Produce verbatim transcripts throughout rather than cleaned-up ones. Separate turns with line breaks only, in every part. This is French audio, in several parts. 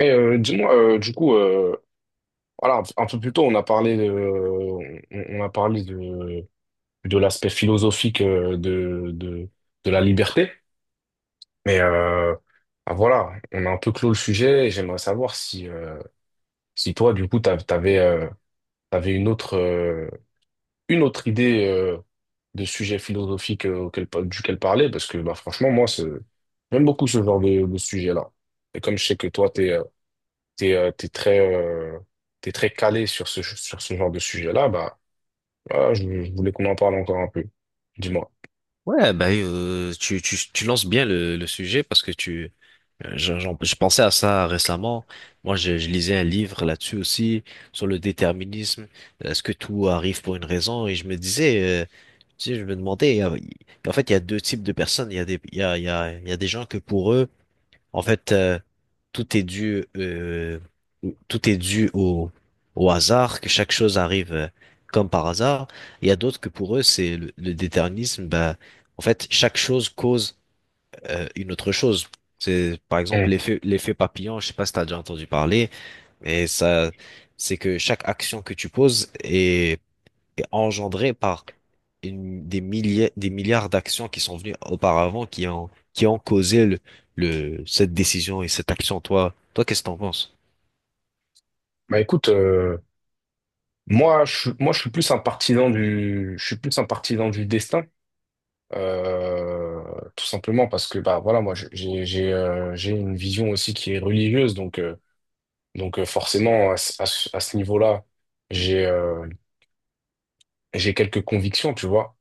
Et euh, dis-moi, euh, du coup, euh, voilà, un peu plus tôt, on a parlé de, on, on a parlé de, de l'aspect philosophique euh, de, de, de la liberté. Mais euh, ah, voilà, on a un peu clos le sujet et j'aimerais savoir si, euh, si toi, du coup, t'av- t'avais, euh, t'avais une autre, euh, une autre idée euh, de sujet philosophique euh, auquel, pa- duquel parler, parce que bah, franchement, moi, c'est- j'aime beaucoup ce genre de, de sujet-là. Et comme je sais que toi, tu es t'es, euh, t'es très, euh, t'es très calé sur ce, sur ce genre de sujet-là, bah, voilà, je, je voulais qu'on en parle encore un peu. Dis-moi.
Ouais, bah, euh, tu, tu, tu lances bien le, le sujet parce que tu, euh, j'en- j'en- je pensais à ça récemment. Moi, je, je lisais un livre là-dessus aussi, sur le déterminisme. Est-ce que tout arrive pour une raison? Et je me disais, euh, tu sais, je me demandais, euh, en fait, il y a deux types de personnes. Il y a des, il y a, il y a, il y a des gens que pour eux, en fait, euh, tout est dû, euh, tout est dû au, au hasard, que chaque chose arrive euh, comme par hasard. Il y a d'autres que pour eux, c'est le, le déterminisme. Bah, en fait, chaque chose cause euh, une autre chose. C'est par exemple
Hmm.
l'effet l'effet papillon. Je sais pas si t'as déjà entendu parler, mais ça, c'est que chaque action que tu poses est engendré par une- des milliers, des milliards d'actions qui sont venues auparavant, qui ont, qui ont causé le, le- cette décision et cette action. Toi, toi, qu'est-ce que t'en penses?
Bah, écoute, euh, moi, je, suis- moi, je suis plus un partisan du, je suis plus un partisan du destin. euh, Tout simplement parce que, bah, voilà, moi, je- j'ai, j'ai, euh, j'ai une vision aussi qui est religieuse, donc, euh, donc, euh, forcément, à, ce- à ce à ce niveau-là, j'ai, euh, j'ai quelques convictions, tu vois.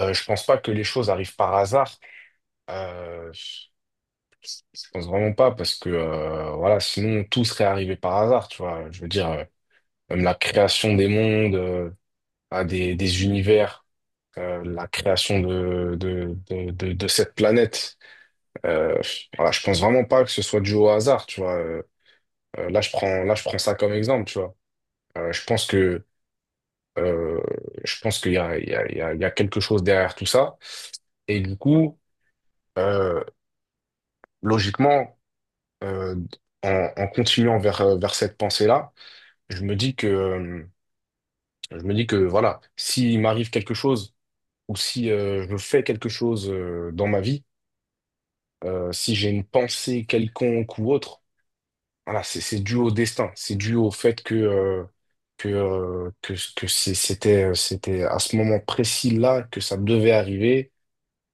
Euh, je pense pas que les choses arrivent par hasard. Euh, Je pense vraiment pas parce que euh, voilà, sinon tout serait arrivé par hasard, tu vois. Je veux dire, euh, même la création des mondes, euh, à des, des univers, euh, la création de, de, de, de, de cette planète. Euh, voilà, je pense vraiment pas que ce soit dû au hasard, tu vois. Euh, euh, là, je prends, là, je prends ça comme exemple, tu vois. Euh, je pense que euh, je pense qu'il y a, il y a, il y a, il y a quelque chose derrière tout ça. Et du coup, euh, logiquement, euh, en en continuant vers, euh, vers cette pensée-là. je me dis que, euh, je me dis que voilà, s'il m'arrive quelque chose ou si euh, je fais quelque chose euh, dans ma vie, euh, si j'ai une pensée quelconque ou autre, voilà, c'est c'est dû au destin, c'est dû au fait que, euh, que, euh, que, que c'est- c'était, c'était à ce moment précis-là que ça devait arriver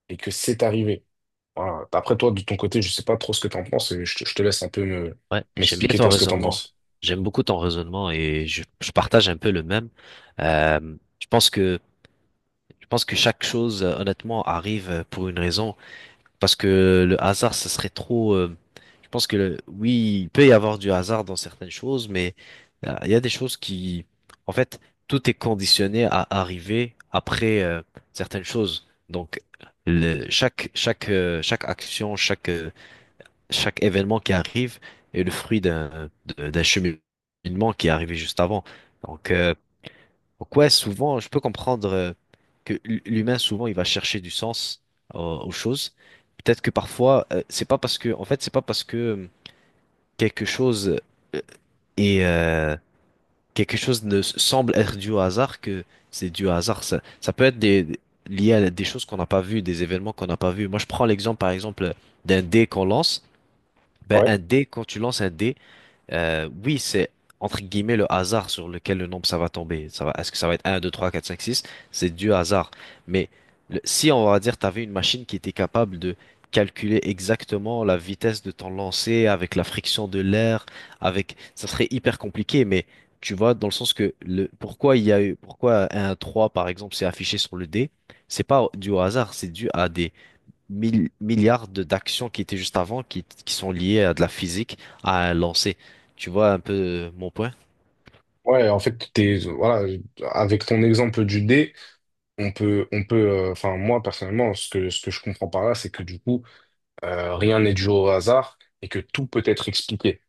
et que c'est arrivé. Voilà. Après toi, de ton côté, je sais pas trop ce que tu en penses et je te, je te laisse un peu me,
Ouais, j'aime bien
m'expliquer
ton
toi ce que tu en
raisonnement.
penses.
J'aime beaucoup ton raisonnement et je, je partage un peu le même. Euh, je pense que je pense que chaque chose, euh, honnêtement, arrive euh, pour une raison. Parce que le hasard, ce serait trop. euh, Je pense que le- oui, il peut y avoir du hasard dans certaines choses, mais euh, il y a des choses qui, en fait, tout est conditionné à arriver après euh, certaines choses. Donc, le- chaque chaque euh, chaque action, chaque euh, chaque événement qui arrive est le fruit d'un de- d'un cheminement qui est arrivé juste avant. Donc, euh, donc ouais, souvent, je peux comprendre euh, que l- l'humain souvent il va chercher du sens aux, aux choses. Peut-être que parfois, euh, c'est pas parce que, en fait, c'est pas parce que quelque chose euh, et euh, quelque chose ne s- semble être dû au hasard que c'est dû au hasard. Ça, ça peut être des, lié à des choses qu'on n'a pas vues, des événements qu'on n'a pas vus. Moi, je prends l'exemple, par exemple, d'un dé qu'on lance. Ben,
Ouais,
un dé, quand tu lances un dé, euh, oui, c'est entre guillemets le hasard sur lequel le nombre ça va tomber. Ça va, est-ce que ça va être un, deux, trois, quatre, cinq, six? C'est du hasard. Mais le- si on va dire, tu avais une machine qui était capable de calculer exactement la vitesse de ton lancer avec la friction de l'air, avec, ça serait hyper compliqué, mais tu vois, dans le sens que le, pourquoi il y a eu, pourquoi un trois par exemple c'est affiché sur le dé, c'est pas dû au hasard, c'est dû à des mille- milliards de- d'actions qui étaient juste avant, qui, qui sont liées à de la physique, à un lancer. Tu vois un peu mon point?
ouais, En fait, t'es, voilà, avec ton exemple du dé, On peut, on peut, euh, enfin, moi, personnellement, ce que, ce que je comprends par là, c'est que du coup, euh, rien n'est dû au hasard et que tout peut être expliqué.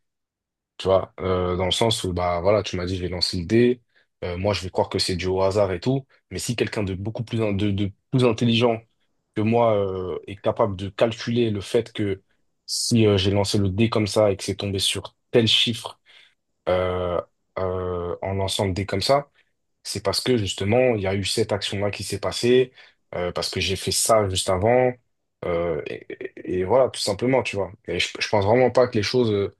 Tu vois, euh, dans le sens où, bah, voilà, tu m'as dit, je vais lancer le dé, euh, moi, je vais croire que c'est dû au hasard et tout, mais si quelqu'un de beaucoup plus, in- de, de plus intelligent que moi, euh, est capable de calculer le fait que si, euh, j'ai lancé le dé comme ça et que c'est tombé sur tel chiffre, euh, euh, en lançant le dé comme ça, c'est parce que justement, il y a eu cette action-là qui s'est passée, euh, parce que j'ai fait ça juste avant, euh, et, et- et voilà, tout simplement, tu vois. Et je, je pense vraiment pas que les choses euh,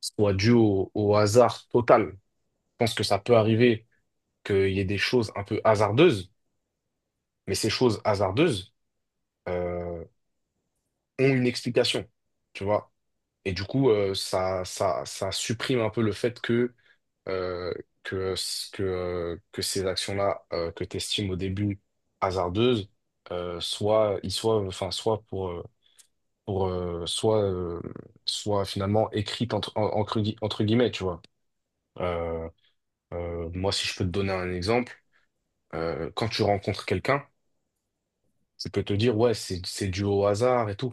soient dues au, au hasard total. Je pense que ça peut arriver qu'il y ait des choses un peu hasardeuses, mais ces choses hasardeuses, euh, ont une explication, tu vois. Et du coup, euh, ça, ça, ça supprime un peu le fait que euh, que, ce- que, euh, que ces actions-là euh, que tu estimes au début hasardeuses, euh, soit, ils soient, enfin, soit pour, euh, pour euh, soit, euh, soit finalement écrites entre, en- entre, gui- entre guillemets, tu vois. Euh, euh, Moi, si je peux te donner un exemple, euh, quand tu rencontres quelqu'un, tu peux te dire, ouais, c'est, c'est dû au hasard et tout.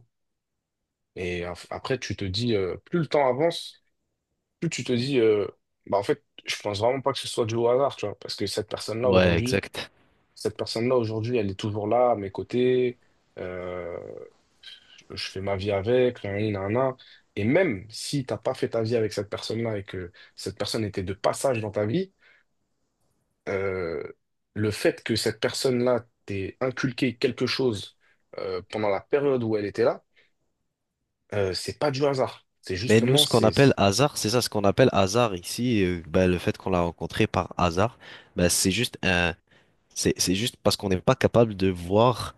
Et af- après, tu te dis, euh, plus le temps avance, plus tu te dis, euh, bah, en fait, je pense vraiment pas que ce soit dû au hasard, tu vois, parce que cette personne-là,
Ouais,
aujourd'hui,
exact.
cette personne-là, aujourd'hui, elle est toujours là, à mes côtés, euh, je, je fais ma vie avec, nan, nan, nan. Et même si t'as pas fait ta vie avec cette personne-là et que cette personne était de passage dans ta vie, euh, le fait que cette personne-là t'ait inculqué quelque chose euh, pendant la période où elle était là, euh, c'est pas du hasard. C'est
Mais nous,
justement,
ce qu'on
c'est... c'est-
appelle hasard, c'est ça, ce qu'on appelle hasard ici, euh, ben, le fait qu'on l'a rencontré par hasard, ben, c'est juste un, c'est, c'est juste parce qu'on n'est pas capable de voir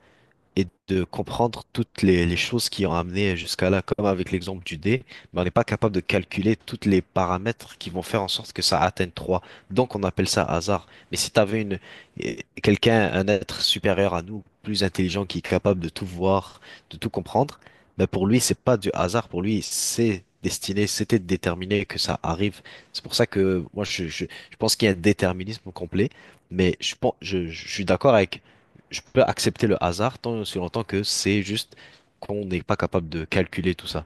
et de comprendre toutes les, les choses qui ont amené jusqu'à là, comme avec l'exemple du dé, mais on n'est pas capable de calculer toutes les paramètres qui vont faire en sorte que ça atteigne trois. Donc on appelle ça hasard. Mais si tu avais une, eh, quelqu'un, un être supérieur à nous, plus intelligent, qui est capable de tout voir, de tout comprendre, ben pour lui, c'est pas du hasard, pour lui, c'est destiné, c'était déterminé que ça arrive. C'est pour ça que moi, je, je, je pense qu'il y a un déterminisme complet, mais je, pense, je, je suis d'accord avec je peux accepter le hasard tant et aussi longtemps que c'est juste qu'on n'est pas capable de calculer tout ça.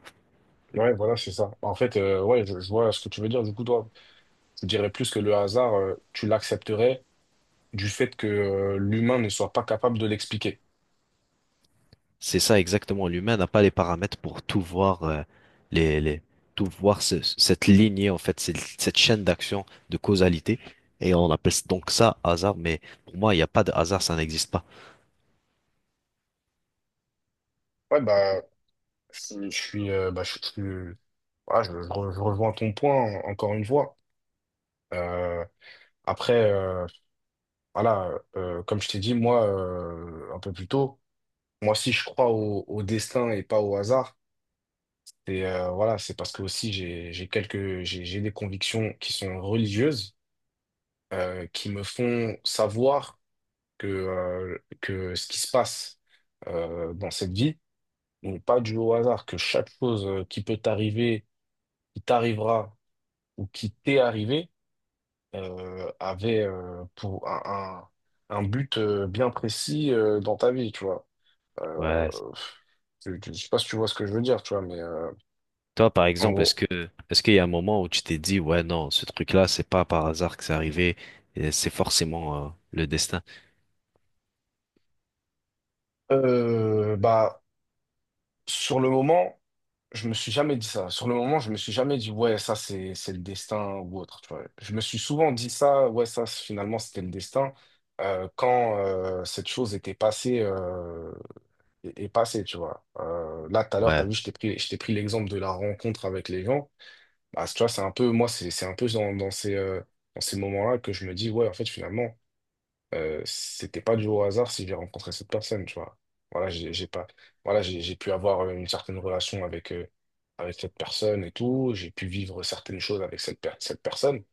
Ouais, voilà, c'est ça. En fait, euh, ouais, je, je vois ce que tu veux dire. Du coup, toi, je dirais plus que le hasard, euh, tu l'accepterais du fait que euh, l'humain ne soit pas capable de l'expliquer.
C'est ça exactement. L'humain n'a pas les paramètres pour tout voir, euh, les, les- tout voir ce- cette lignée, en fait, cette, cette chaîne d'action de causalité. Et on appelle donc ça hasard, mais pour moi, il n'y a pas de hasard, ça n'existe pas.
Ouais, bah, je, je suis, euh, bah, je, je- voilà, je- je re- je rejoins ton point en- encore une fois. Euh, après, euh, voilà, euh, comme je t'ai dit, moi, euh, un peu plus tôt, moi, si je crois au, au destin et pas au hasard, c'est euh, voilà, c'est parce que aussi j'ai, j'ai quelques, j'ai, j'ai des convictions qui sont religieuses, euh, qui me font savoir que, euh, que ce qui se passe euh, dans cette vie n'est pas dû au hasard, que chaque chose euh, qui peut t'arriver, qui t'arrivera ou qui t'est arrivé euh, avait euh, pour un, un, un but euh, bien précis euh, dans ta vie, tu vois. Euh,
Ouais.
je ne sais pas si tu vois ce que je veux dire, tu vois, mais euh,
Toi, par
en
exemple,
gros.
est-ce que est-ce qu'il y a un moment où tu t'es dit, ouais, non, ce truc-là, c'est pas par hasard que c'est arrivé, et c'est forcément euh, le destin.
Euh, bah, sur le moment, je me suis jamais dit ça. Sur le moment, je me suis jamais dit, ouais, ça, c'est, c'est le destin ou autre, tu vois. Je me suis souvent dit ça, ouais, ça, c'est- finalement, c'était le destin, euh, quand euh, cette chose était passée. euh, et, et passer, tu vois. Euh, là, tout à l'heure, tu as
Ouais,
vu, je t'ai pris, je t'ai pris l'exemple de la rencontre avec les gens. Bah, tu vois, c'est un peu, moi, c'est c'est un peu dans, dans ces, euh, dans ces moments-là que je me dis, ouais, en fait, finalement, euh, c'était pas du au hasard si j'ai rencontré cette personne, tu vois. Voilà, j'ai j'ai pas, voilà, j'ai j'ai pu avoir euh, une certaine relation avec, euh, avec cette personne et tout, j'ai pu vivre certaines choses avec cette, per- cette personne.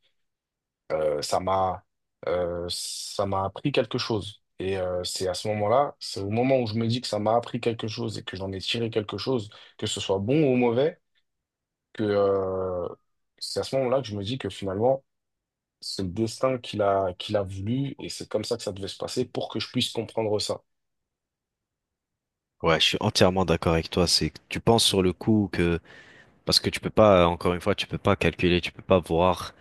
Euh, ça m'a euh, Ça m'a appris quelque chose. Et euh, c'est à ce moment-là, c'est au moment où je me dis que ça m'a appris quelque chose et que j'en ai tiré quelque chose, que ce soit bon ou mauvais, que euh, c'est à ce moment-là que je me dis que finalement, c'est le destin qu'il a, qu'il a voulu et c'est comme ça que ça devait se passer pour que je puisse comprendre ça.
ouais, je suis entièrement d'accord avec toi. C'est que tu penses sur le coup que parce que tu peux pas, encore une fois, tu peux pas calculer, tu peux pas voir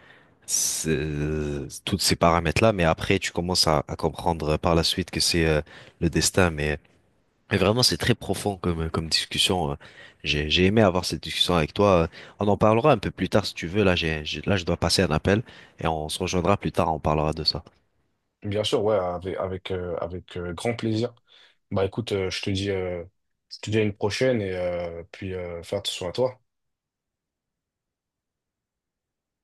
c'est- tous ces paramètres-là, mais après, tu commences à, à comprendre par la suite que c'est euh, le destin. Mais, mais vraiment, c'est très profond comme, comme discussion. euh. J'ai, j'ai aimé avoir cette discussion avec toi. euh. On en parlera un peu plus tard si tu veux. Là, j'ai, j'ai- là, je dois passer un appel et on se rejoindra plus tard. On parlera de ça.
Bien sûr, ouais, avec, avec, euh, avec euh, grand plaisir. Bah écoute, euh, je te dis, euh, je te dis à une prochaine et euh, puis euh, faire attention à toi.